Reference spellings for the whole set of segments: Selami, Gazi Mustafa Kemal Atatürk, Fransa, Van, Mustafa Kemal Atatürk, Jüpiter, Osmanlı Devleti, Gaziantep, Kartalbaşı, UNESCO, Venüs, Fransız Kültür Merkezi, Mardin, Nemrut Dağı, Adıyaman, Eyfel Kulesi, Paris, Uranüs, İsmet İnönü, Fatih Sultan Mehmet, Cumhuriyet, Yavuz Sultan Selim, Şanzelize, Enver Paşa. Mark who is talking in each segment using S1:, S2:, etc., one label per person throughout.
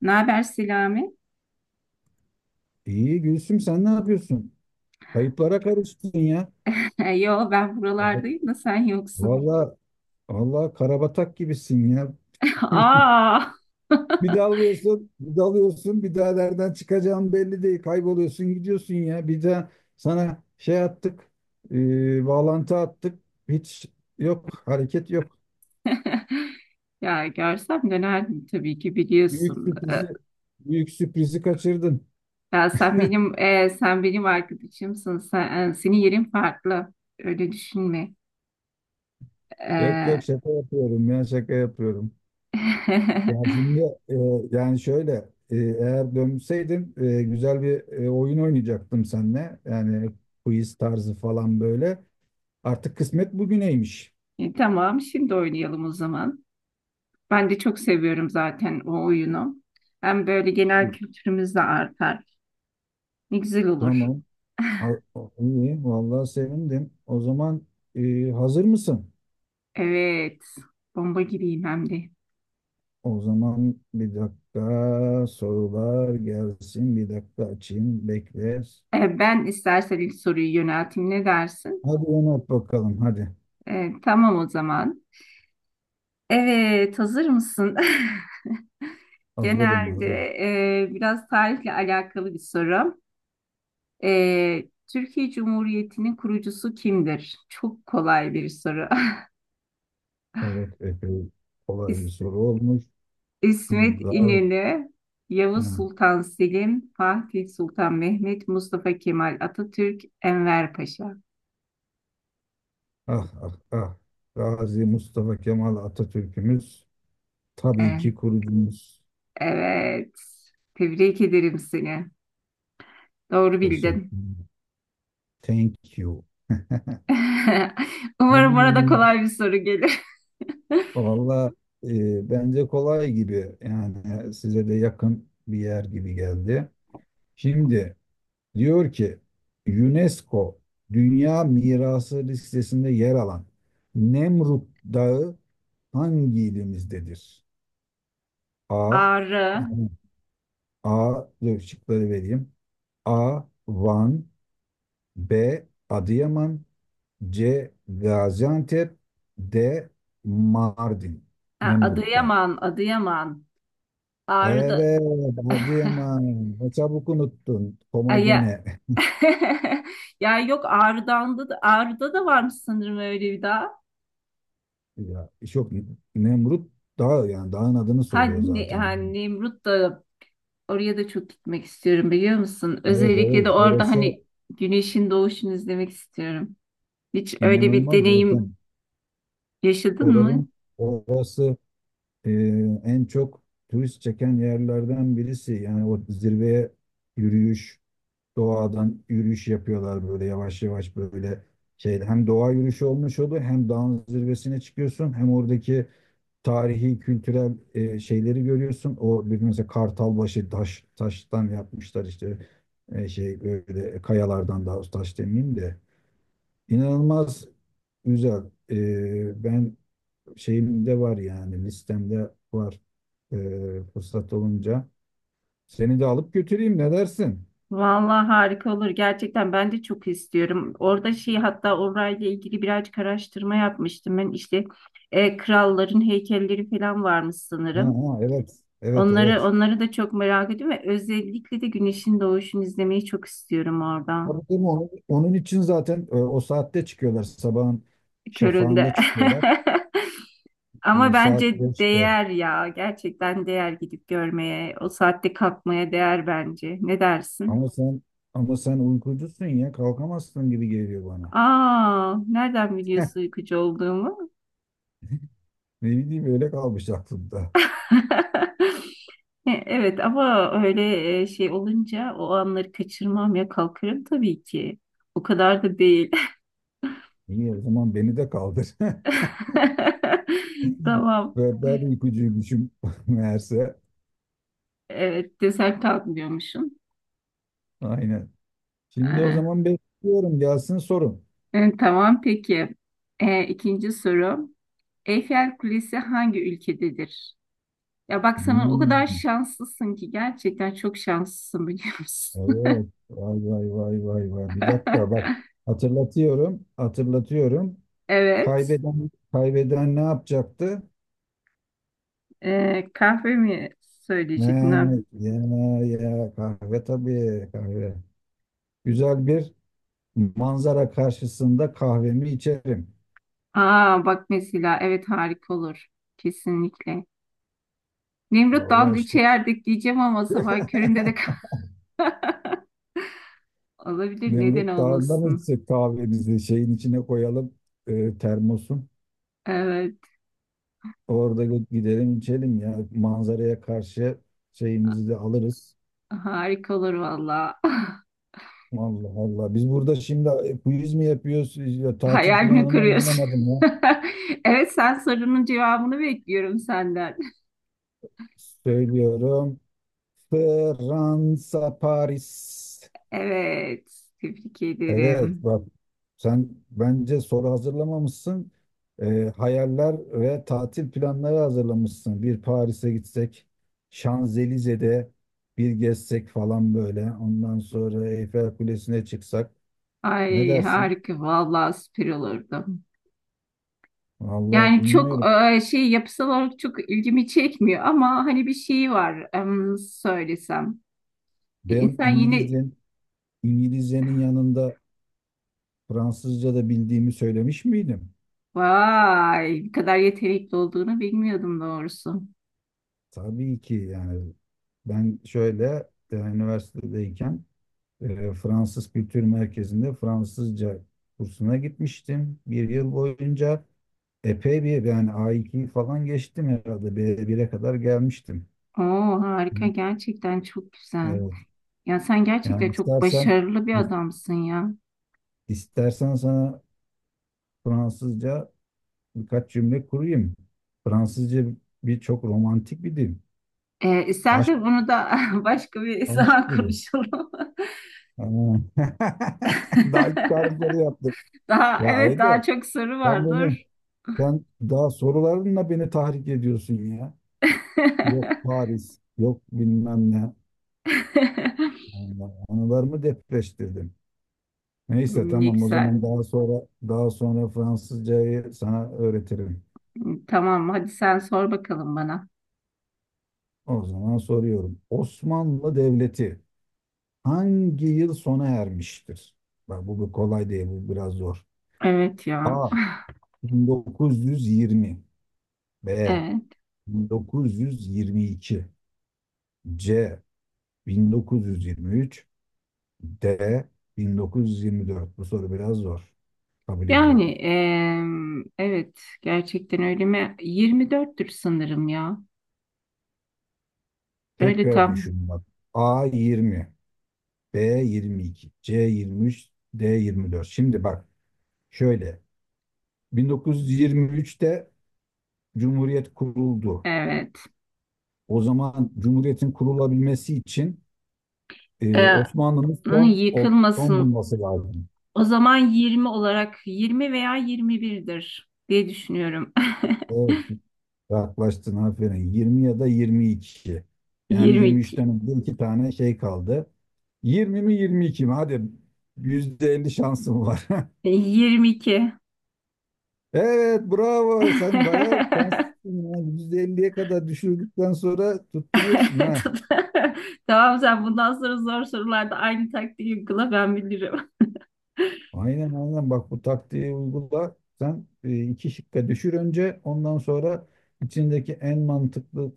S1: Ne haber Selami?
S2: İyi Gülsüm, sen ne yapıyorsun? Kayıplara karıştın ya.
S1: Yo ben buralardayım da sen yoksun.
S2: Valla, valla karabatak gibisin ya.
S1: Aa!
S2: Bir dalıyorsun, bir dalıyorsun, bir daha nereden çıkacağın belli değil. Kayboluyorsun, gidiyorsun ya. Bir daha sana şey attık, bağlantı attık. Hiç yok, hareket yok.
S1: Ya görsem dönerdim tabii ki
S2: Büyük
S1: biliyorsun.
S2: sürprizi, büyük sürprizi kaçırdın.
S1: Ya sen benim arkadaşımsın. Senin yerin farklı. Öyle düşünme.
S2: Yok
S1: Ee,
S2: yok, şaka yapıyorum ya, şaka yapıyorum. Ya şimdi, e, yani şöyle, eğer dönseydim, güzel bir, oyun oynayacaktım seninle. Yani quiz tarzı falan böyle. Artık kısmet bugüneymiş.
S1: tamam şimdi oynayalım o zaman. Ben de çok seviyorum zaten o oyunu. Hem böyle genel kültürümüz de artar. Ne güzel olur.
S2: Tamam. Al- iyi. Vallahi sevindim. O zaman, hazır mısın?
S1: Evet. Bomba gibiyim hem de.
S2: O zaman bir dakika sorular gelsin. Bir dakika açayım. Bekle.
S1: Ben istersen ilk soruyu yönelteyim. Ne dersin?
S2: Hadi Ömer, bakalım. Hadi.
S1: Tamam o zaman. Evet, hazır mısın?
S2: Hazırım,
S1: Genelde
S2: hazır.
S1: biraz tarihle alakalı bir soru. E, Türkiye Cumhuriyeti'nin kurucusu kimdir? Çok kolay bir soru.
S2: Evet. Epey kolay bir
S1: İs-
S2: soru olmuş. Hı.
S1: İsmet
S2: Gayet.
S1: İnönü, Yavuz
S2: Ha.
S1: Sultan Selim, Fatih Sultan Mehmet, Mustafa Kemal Atatürk, Enver Paşa.
S2: Ah ah ah. Gazi Mustafa Kemal Atatürk'ümüz
S1: E,
S2: tabii ki kurucumuz.
S1: evet, tebrik ederim seni. Doğru bildin.
S2: Teşekkür ederim. Thank you.
S1: Umarım arada
S2: Hmm,
S1: kolay bir soru gelir.
S2: valla bence kolay gibi, yani size de yakın bir yer gibi geldi. Şimdi diyor ki, UNESCO Dünya Mirası listesinde yer alan Nemrut Dağı hangi ilimizdedir? A.
S1: Ağrı.
S2: A, dur, şıkları vereyim. A. Van. B. Adıyaman. C. Gaziantep. D. Mardin.
S1: Ha,
S2: Nemrut'ta.
S1: Adıyaman, Adıyaman. Ağrı'da.
S2: Evet, Adıyaman. Ne çabuk unuttun Koma
S1: Ay ya.
S2: gene?
S1: Ya yok Ağrı'dan da Ağrı'da da varmış sanırım öyle bir daha.
S2: Ya, çok. Nemrut dağ, yani dağın adını soruyor
S1: Hani,
S2: zaten.
S1: hani Nemrut da oraya da çok gitmek istiyorum biliyor musun?
S2: Evet
S1: Özellikle de
S2: evet,
S1: orada
S2: orası
S1: hani güneşin doğuşunu izlemek istiyorum. Hiç öyle bir
S2: inanılmaz
S1: deneyim
S2: zaten.
S1: yaşadın
S2: Oraların
S1: mı?
S2: orası, e, en çok turist çeken yerlerden birisi. Yani o zirveye yürüyüş, doğadan yürüyüş yapıyorlar böyle, yavaş yavaş böyle şey, hem doğa yürüyüşü olmuş oluyor, hem dağın zirvesine çıkıyorsun, hem oradaki tarihi kültürel, şeyleri görüyorsun. O bir mesela Kartalbaşı, taştan yapmışlar işte, şey böyle kayalardan, daha doğrusu, taş demeyeyim de, inanılmaz güzel. Ben şeyimde var, yani listemde var, e, fırsat olunca. Seni de alıp götüreyim, ne dersin?
S1: Vallahi harika olur. Gerçekten ben de çok istiyorum. Orada şey hatta orayla ilgili birazcık araştırma yapmıştım. Ben işte kralların heykelleri falan varmış
S2: Ha,
S1: sanırım.
S2: ha, evet. Evet
S1: Onları
S2: evet.
S1: onları da çok merak ediyorum ve özellikle de güneşin doğuşunu izlemeyi çok istiyorum orada.
S2: Tabii, değil mi? Onun için zaten, o saatte çıkıyorlar. Sabahın şafağında
S1: Köründe.
S2: çıkıyorlar.
S1: Ama
S2: Saat
S1: bence
S2: beşte.
S1: değer ya. Gerçekten değer gidip görmeye. O saatte kalkmaya değer bence. Ne dersin?
S2: Ama sen Ama sen uykucusun ya, kalkamazsın gibi geliyor bana.
S1: Aa, nereden biliyorsun uykucu olduğumu?
S2: Ne bileyim, öyle kalmış aklımda.
S1: Evet ama öyle şey olunca o anları kaçırmam ya kalkarım tabii ki. O kadar da değil.
S2: İyi, o zaman beni de kaldır.
S1: Tamam.
S2: Ve ben uykucuymuşum meğerse.
S1: Evet desen kalkmıyormuşum.
S2: Aynen. Şimdi o
S1: Ee,
S2: zaman bekliyorum, gelsin sorun.
S1: tamam peki. İkinci soru. Eyfel Kulesi hangi ülkededir? Ya bak sana o kadar
S2: Hmm,
S1: şanslısın ki gerçekten çok şanslısın biliyor musun?
S2: evet. Vay vay vay vay vay. Bir dakika bak. Hatırlatıyorum. Hatırlatıyorum.
S1: Evet.
S2: Kaybeden, kaybeden ne yapacaktı?
S1: Kahve mi söyleyecektin?
S2: Ne? Ya, ya kahve, tabii kahve. Güzel bir manzara karşısında kahvemi içerim.
S1: Aa bak mesela evet harika olur. Kesinlikle. Nemrut
S2: Vallahi
S1: Dağı'nda
S2: işte.
S1: içerdik diyeceğim ama sabah köründe de olabilir. Neden
S2: Nemrut Dağı'nda mı
S1: olmasın?
S2: içsek kahvemizi? Şeyin içine koyalım, termosun.
S1: Evet
S2: Orada gidelim içelim ya, manzaraya karşı şeyimizi de alırız.
S1: harika olur valla.
S2: Allah Allah. Biz burada şimdi quiz mi yapıyoruz? Ya, tatil
S1: Hayal mi
S2: planımı
S1: kuruyorsun?
S2: anlamadım ya.
S1: Evet sen sorunun cevabını bekliyorum senden.
S2: Söylüyorum. Fransa, Paris.
S1: Evet tebrik
S2: Evet
S1: ederim.
S2: bak, sen bence soru hazırlamamışsın. Hayaller ve tatil planları hazırlamışsın. Bir Paris'e gitsek, Şanzelize'de bir gezsek falan böyle. Ondan sonra Eyfel Kulesi'ne çıksak. Ne
S1: Ay
S2: dersin?
S1: harika valla süper olurdu.
S2: Vallahi
S1: Yani çok
S2: bilmiyorum.
S1: şey yapısal olarak çok ilgimi çekmiyor ama hani bir şey var söylesem. E,
S2: Ben
S1: insan yeni
S2: İngilizcenin yanında Fransızca da bildiğimi söylemiş miydim?
S1: vay bu kadar yetenekli olduğunu bilmiyordum doğrusu.
S2: Tabii ki yani, ben şöyle, üniversitedeyken, Fransız Kültür Merkezi'nde Fransızca kursuna gitmiştim. Bir yıl boyunca epey bir, yani A2 falan geçtim herhalde, B1'e kadar gelmiştim.
S1: Oo
S2: Hı.
S1: harika gerçekten çok güzel.
S2: Evet.
S1: Ya sen
S2: Yani
S1: gerçekten çok
S2: istersen
S1: başarılı bir adamsın ya.
S2: istersen sana Fransızca birkaç cümle kurayım. Fransızca bir çok romantik bir dil.
S1: E,
S2: Aşk,
S1: istersen bunu da başka bir
S2: aşk
S1: zaman
S2: dili.
S1: konuşalım.
S2: Ha. Daha ilk tarifleri yaptım.
S1: Daha
S2: Ya
S1: evet daha
S2: Aydın,
S1: çok soru
S2: sen beni,
S1: vardır.
S2: sen daha sorularınla beni tahrik ediyorsun ya. Yok Paris, yok bilmem ne. Allah, anılarımı depreştirdin. Neyse
S1: Ne
S2: tamam, o zaman
S1: güzel.
S2: daha sonra, daha sonra Fransızcayı sana öğretirim.
S1: Tamam hadi sen sor bakalım bana.
S2: O zaman soruyorum. Osmanlı Devleti hangi yıl sona ermiştir? Bak, bu bir kolay değil, bu biraz zor.
S1: Evet ya.
S2: A. 1920. B.
S1: Evet.
S2: 1922. C. 1923. D. 1924. Bu soru biraz zor. Kabul
S1: Yani
S2: ediyorum.
S1: em, evet gerçekten öyle mi? 24'tür sanırım ya. Öyle
S2: Tekrar
S1: tam.
S2: düşün bak. A 20, B 22, C 23, D 24. Şimdi bak şöyle. 1923'te Cumhuriyet kuruldu.
S1: Evet.
S2: O zaman Cumhuriyet'in kurulabilmesi için,
S1: Ee,
S2: Osmanlı'nın
S1: hani
S2: son
S1: yıkılmasın.
S2: bulması lazım.
S1: O zaman 20 olarak 20 veya 21'dir diye düşünüyorum.
S2: Evet. Yaklaştın, aferin. 20 ya da 22. Yani yirmi
S1: 22.
S2: üçten önce iki tane şey kaldı. 20 mi, 22 mi? Hadi, %50 şansım var.
S1: 22.
S2: Evet bravo. Sen bayağı şanslısın ya. %50'ye kadar düşürdükten sonra tutturuyorsun ha.
S1: Tut- Tamam sen bundan sonra zor sorularda aynı taktiği uygula ben bilirim.
S2: Aynen aynen, bak bu taktiği uygula. Sen, iki şıkka düşür önce, ondan sonra içindeki en mantıklı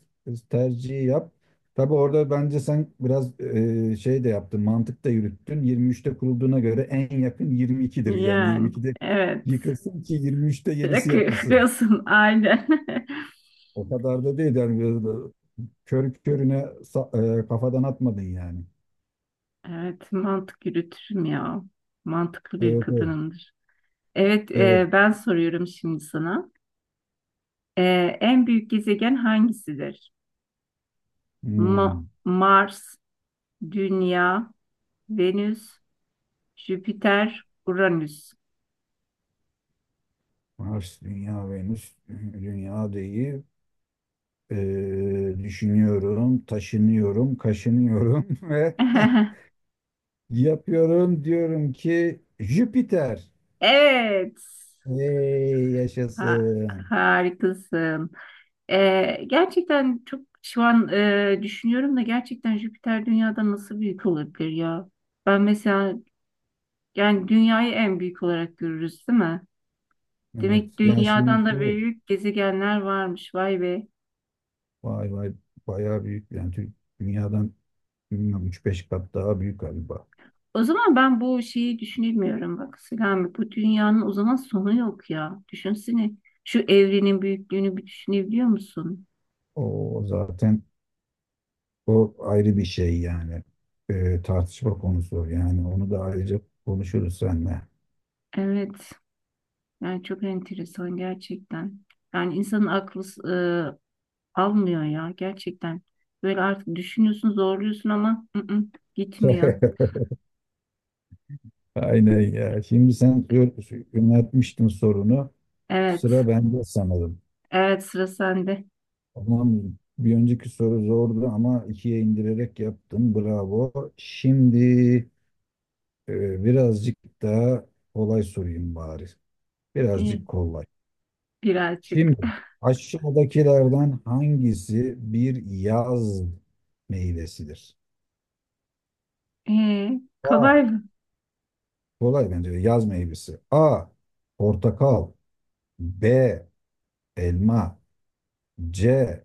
S2: tercihi yap. Tabii orada bence sen biraz, şey de yaptın, mantık da yürüttün. Yirmi üçte kurulduğuna göre en yakın 22'dir. Yani
S1: Yani
S2: 22'de
S1: evet.
S2: yıkılsın ki yirmi üçte yenisi yapılsın.
S1: Yakıyorsun aynen.
S2: O kadar da değil yani, biraz da körü körüne kafadan atmadın yani.
S1: Evet, mantık yürütürüm ya. Mantıklı bir
S2: Evet evet.
S1: kadınımdır. Evet,
S2: Evet.
S1: ben soruyorum şimdi sana. E, en büyük gezegen hangisidir? Ma-
S2: Hmm.
S1: Mars, Dünya, Venüs, Jüpiter, Uranüs.
S2: Mars, Dünya, Venüs. Dünya değil. Ee, düşünüyorum, taşınıyorum, kaşınıyorum ve yapıyorum, diyorum ki Jüpiter.
S1: Evet,
S2: Hey,
S1: ha-
S2: yaşasın.
S1: harikasın. Gerçekten çok şu an düşünüyorum da gerçekten Jüpiter Dünya'dan nasıl büyük olabilir ya? Ben mesela yani dünyayı en büyük olarak görürüz, değil mi?
S2: Evet.
S1: Demek
S2: Yani şimdi
S1: dünyadan da
S2: bu,
S1: büyük gezegenler varmış. Vay be.
S2: vay vay, bayağı büyük yani, dünyadan bilmiyorum 3-5 kat daha büyük galiba.
S1: O zaman ben bu şeyi düşünemiyorum bak Selami. Bu dünyanın o zaman sonu yok ya. Düşünsene. Şu evrenin büyüklüğünü bir düşünebiliyor musun?
S2: O zaten, o ayrı bir şey yani. Tartışma konusu yani, onu da ayrıca konuşuruz seninle.
S1: Evet. Yani çok enteresan gerçekten. Yani insanın aklı e, almıyor ya gerçekten. Böyle artık düşünüyorsun, zorluyorsun ama gitmiyor.
S2: Aynen ya. Şimdi sen yöneltmiştin sorunu.
S1: Evet.
S2: Sıra bende sanırım.
S1: Evet sıra sende.
S2: Tamam, bir önceki soru zordu ama ikiye indirerek yaptım. Bravo. Şimdi, birazcık daha kolay sorayım bari. Birazcık
S1: İyi.
S2: kolay.
S1: Birazcık.
S2: Şimdi, aşağıdakilerden hangisi bir yaz meyvesidir?
S1: Ee,
S2: A.
S1: kolay mı?
S2: Kolay bence de, yaz meyvesi. A. Portakal. B. Elma. C.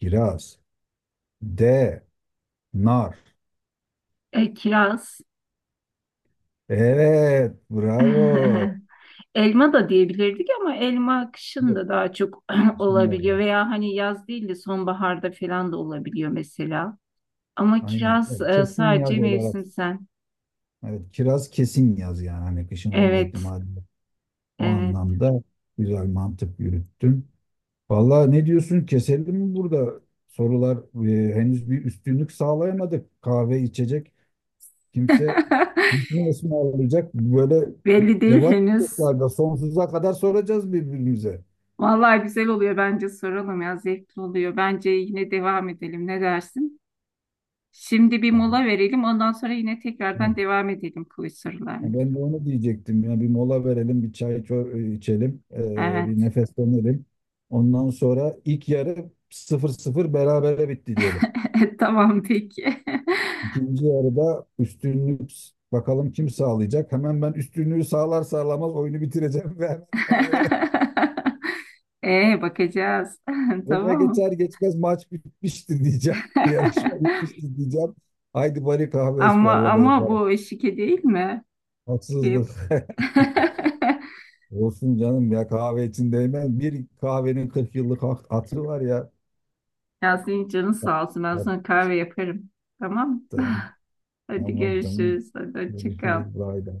S2: Kiraz. D. Nar.
S1: Kiraz.
S2: Evet, bravo.
S1: Elma da diyebilirdik ama elma kışın
S2: Yok.
S1: da daha çok
S2: Şimdi
S1: olabiliyor
S2: var.
S1: veya hani yaz değil de sonbaharda falan da olabiliyor mesela. Ama
S2: Aynen.
S1: kiraz
S2: Evet, kesin
S1: sadece
S2: yaz olarak.
S1: mevsimsel.
S2: Evet, kiraz kesin yaz yani. Hani kışın olma
S1: Evet,
S2: ihtimali yok. O
S1: evet.
S2: anlamda güzel mantık yürüttün. Vallahi ne diyorsun? Keselim mi burada? Sorular, henüz bir üstünlük sağlayamadık. Kahve içecek. Kimse ne ısmarlayacak? Böyle
S1: Belli değil
S2: devam
S1: henüz.
S2: edecekler de sonsuza kadar soracağız birbirimize.
S1: Vallahi güzel oluyor bence soralım ya zevkli oluyor. Bence yine devam edelim ne dersin? Şimdi bir
S2: Vallahi.
S1: mola verelim ondan sonra yine tekrardan devam edelim kuyu
S2: Ha,
S1: sorularını.
S2: ben de onu diyecektim ya, bir mola verelim, bir çay içelim,
S1: Evet.
S2: bir nefeslenelim. Ondan sonra ilk yarı sıfır sıfır berabere bitti diyelim.
S1: Tamam peki.
S2: İkinci yarıda üstünlük bakalım kim sağlayacak. Hemen ben üstünlüğü sağlar sağlamaz oyunu bitireceğim ve hemen kahveye
S1: Bakacağız.
S2: öne
S1: Tamam.
S2: geçer geçmez maç bitmiştir diyeceğim. Yarışma bitmiştir diyeceğim. Haydi bari kahve
S1: Ama
S2: ısmarlamaya
S1: ama
S2: yapalım.
S1: bu şike değil mi? Şike.
S2: Haksızlık. Olsun canım ya, kahve için değmez. Bir kahvenin 40 yıllık hatırı var ya.
S1: Ya senin canın sağ olsun. Ben sana kahve yaparım. Tamam.
S2: Yaptım.
S1: Hadi
S2: Tamam tamam.
S1: görüşürüz. Hadi hoşça kal.
S2: Görüşürüz. Bay bay.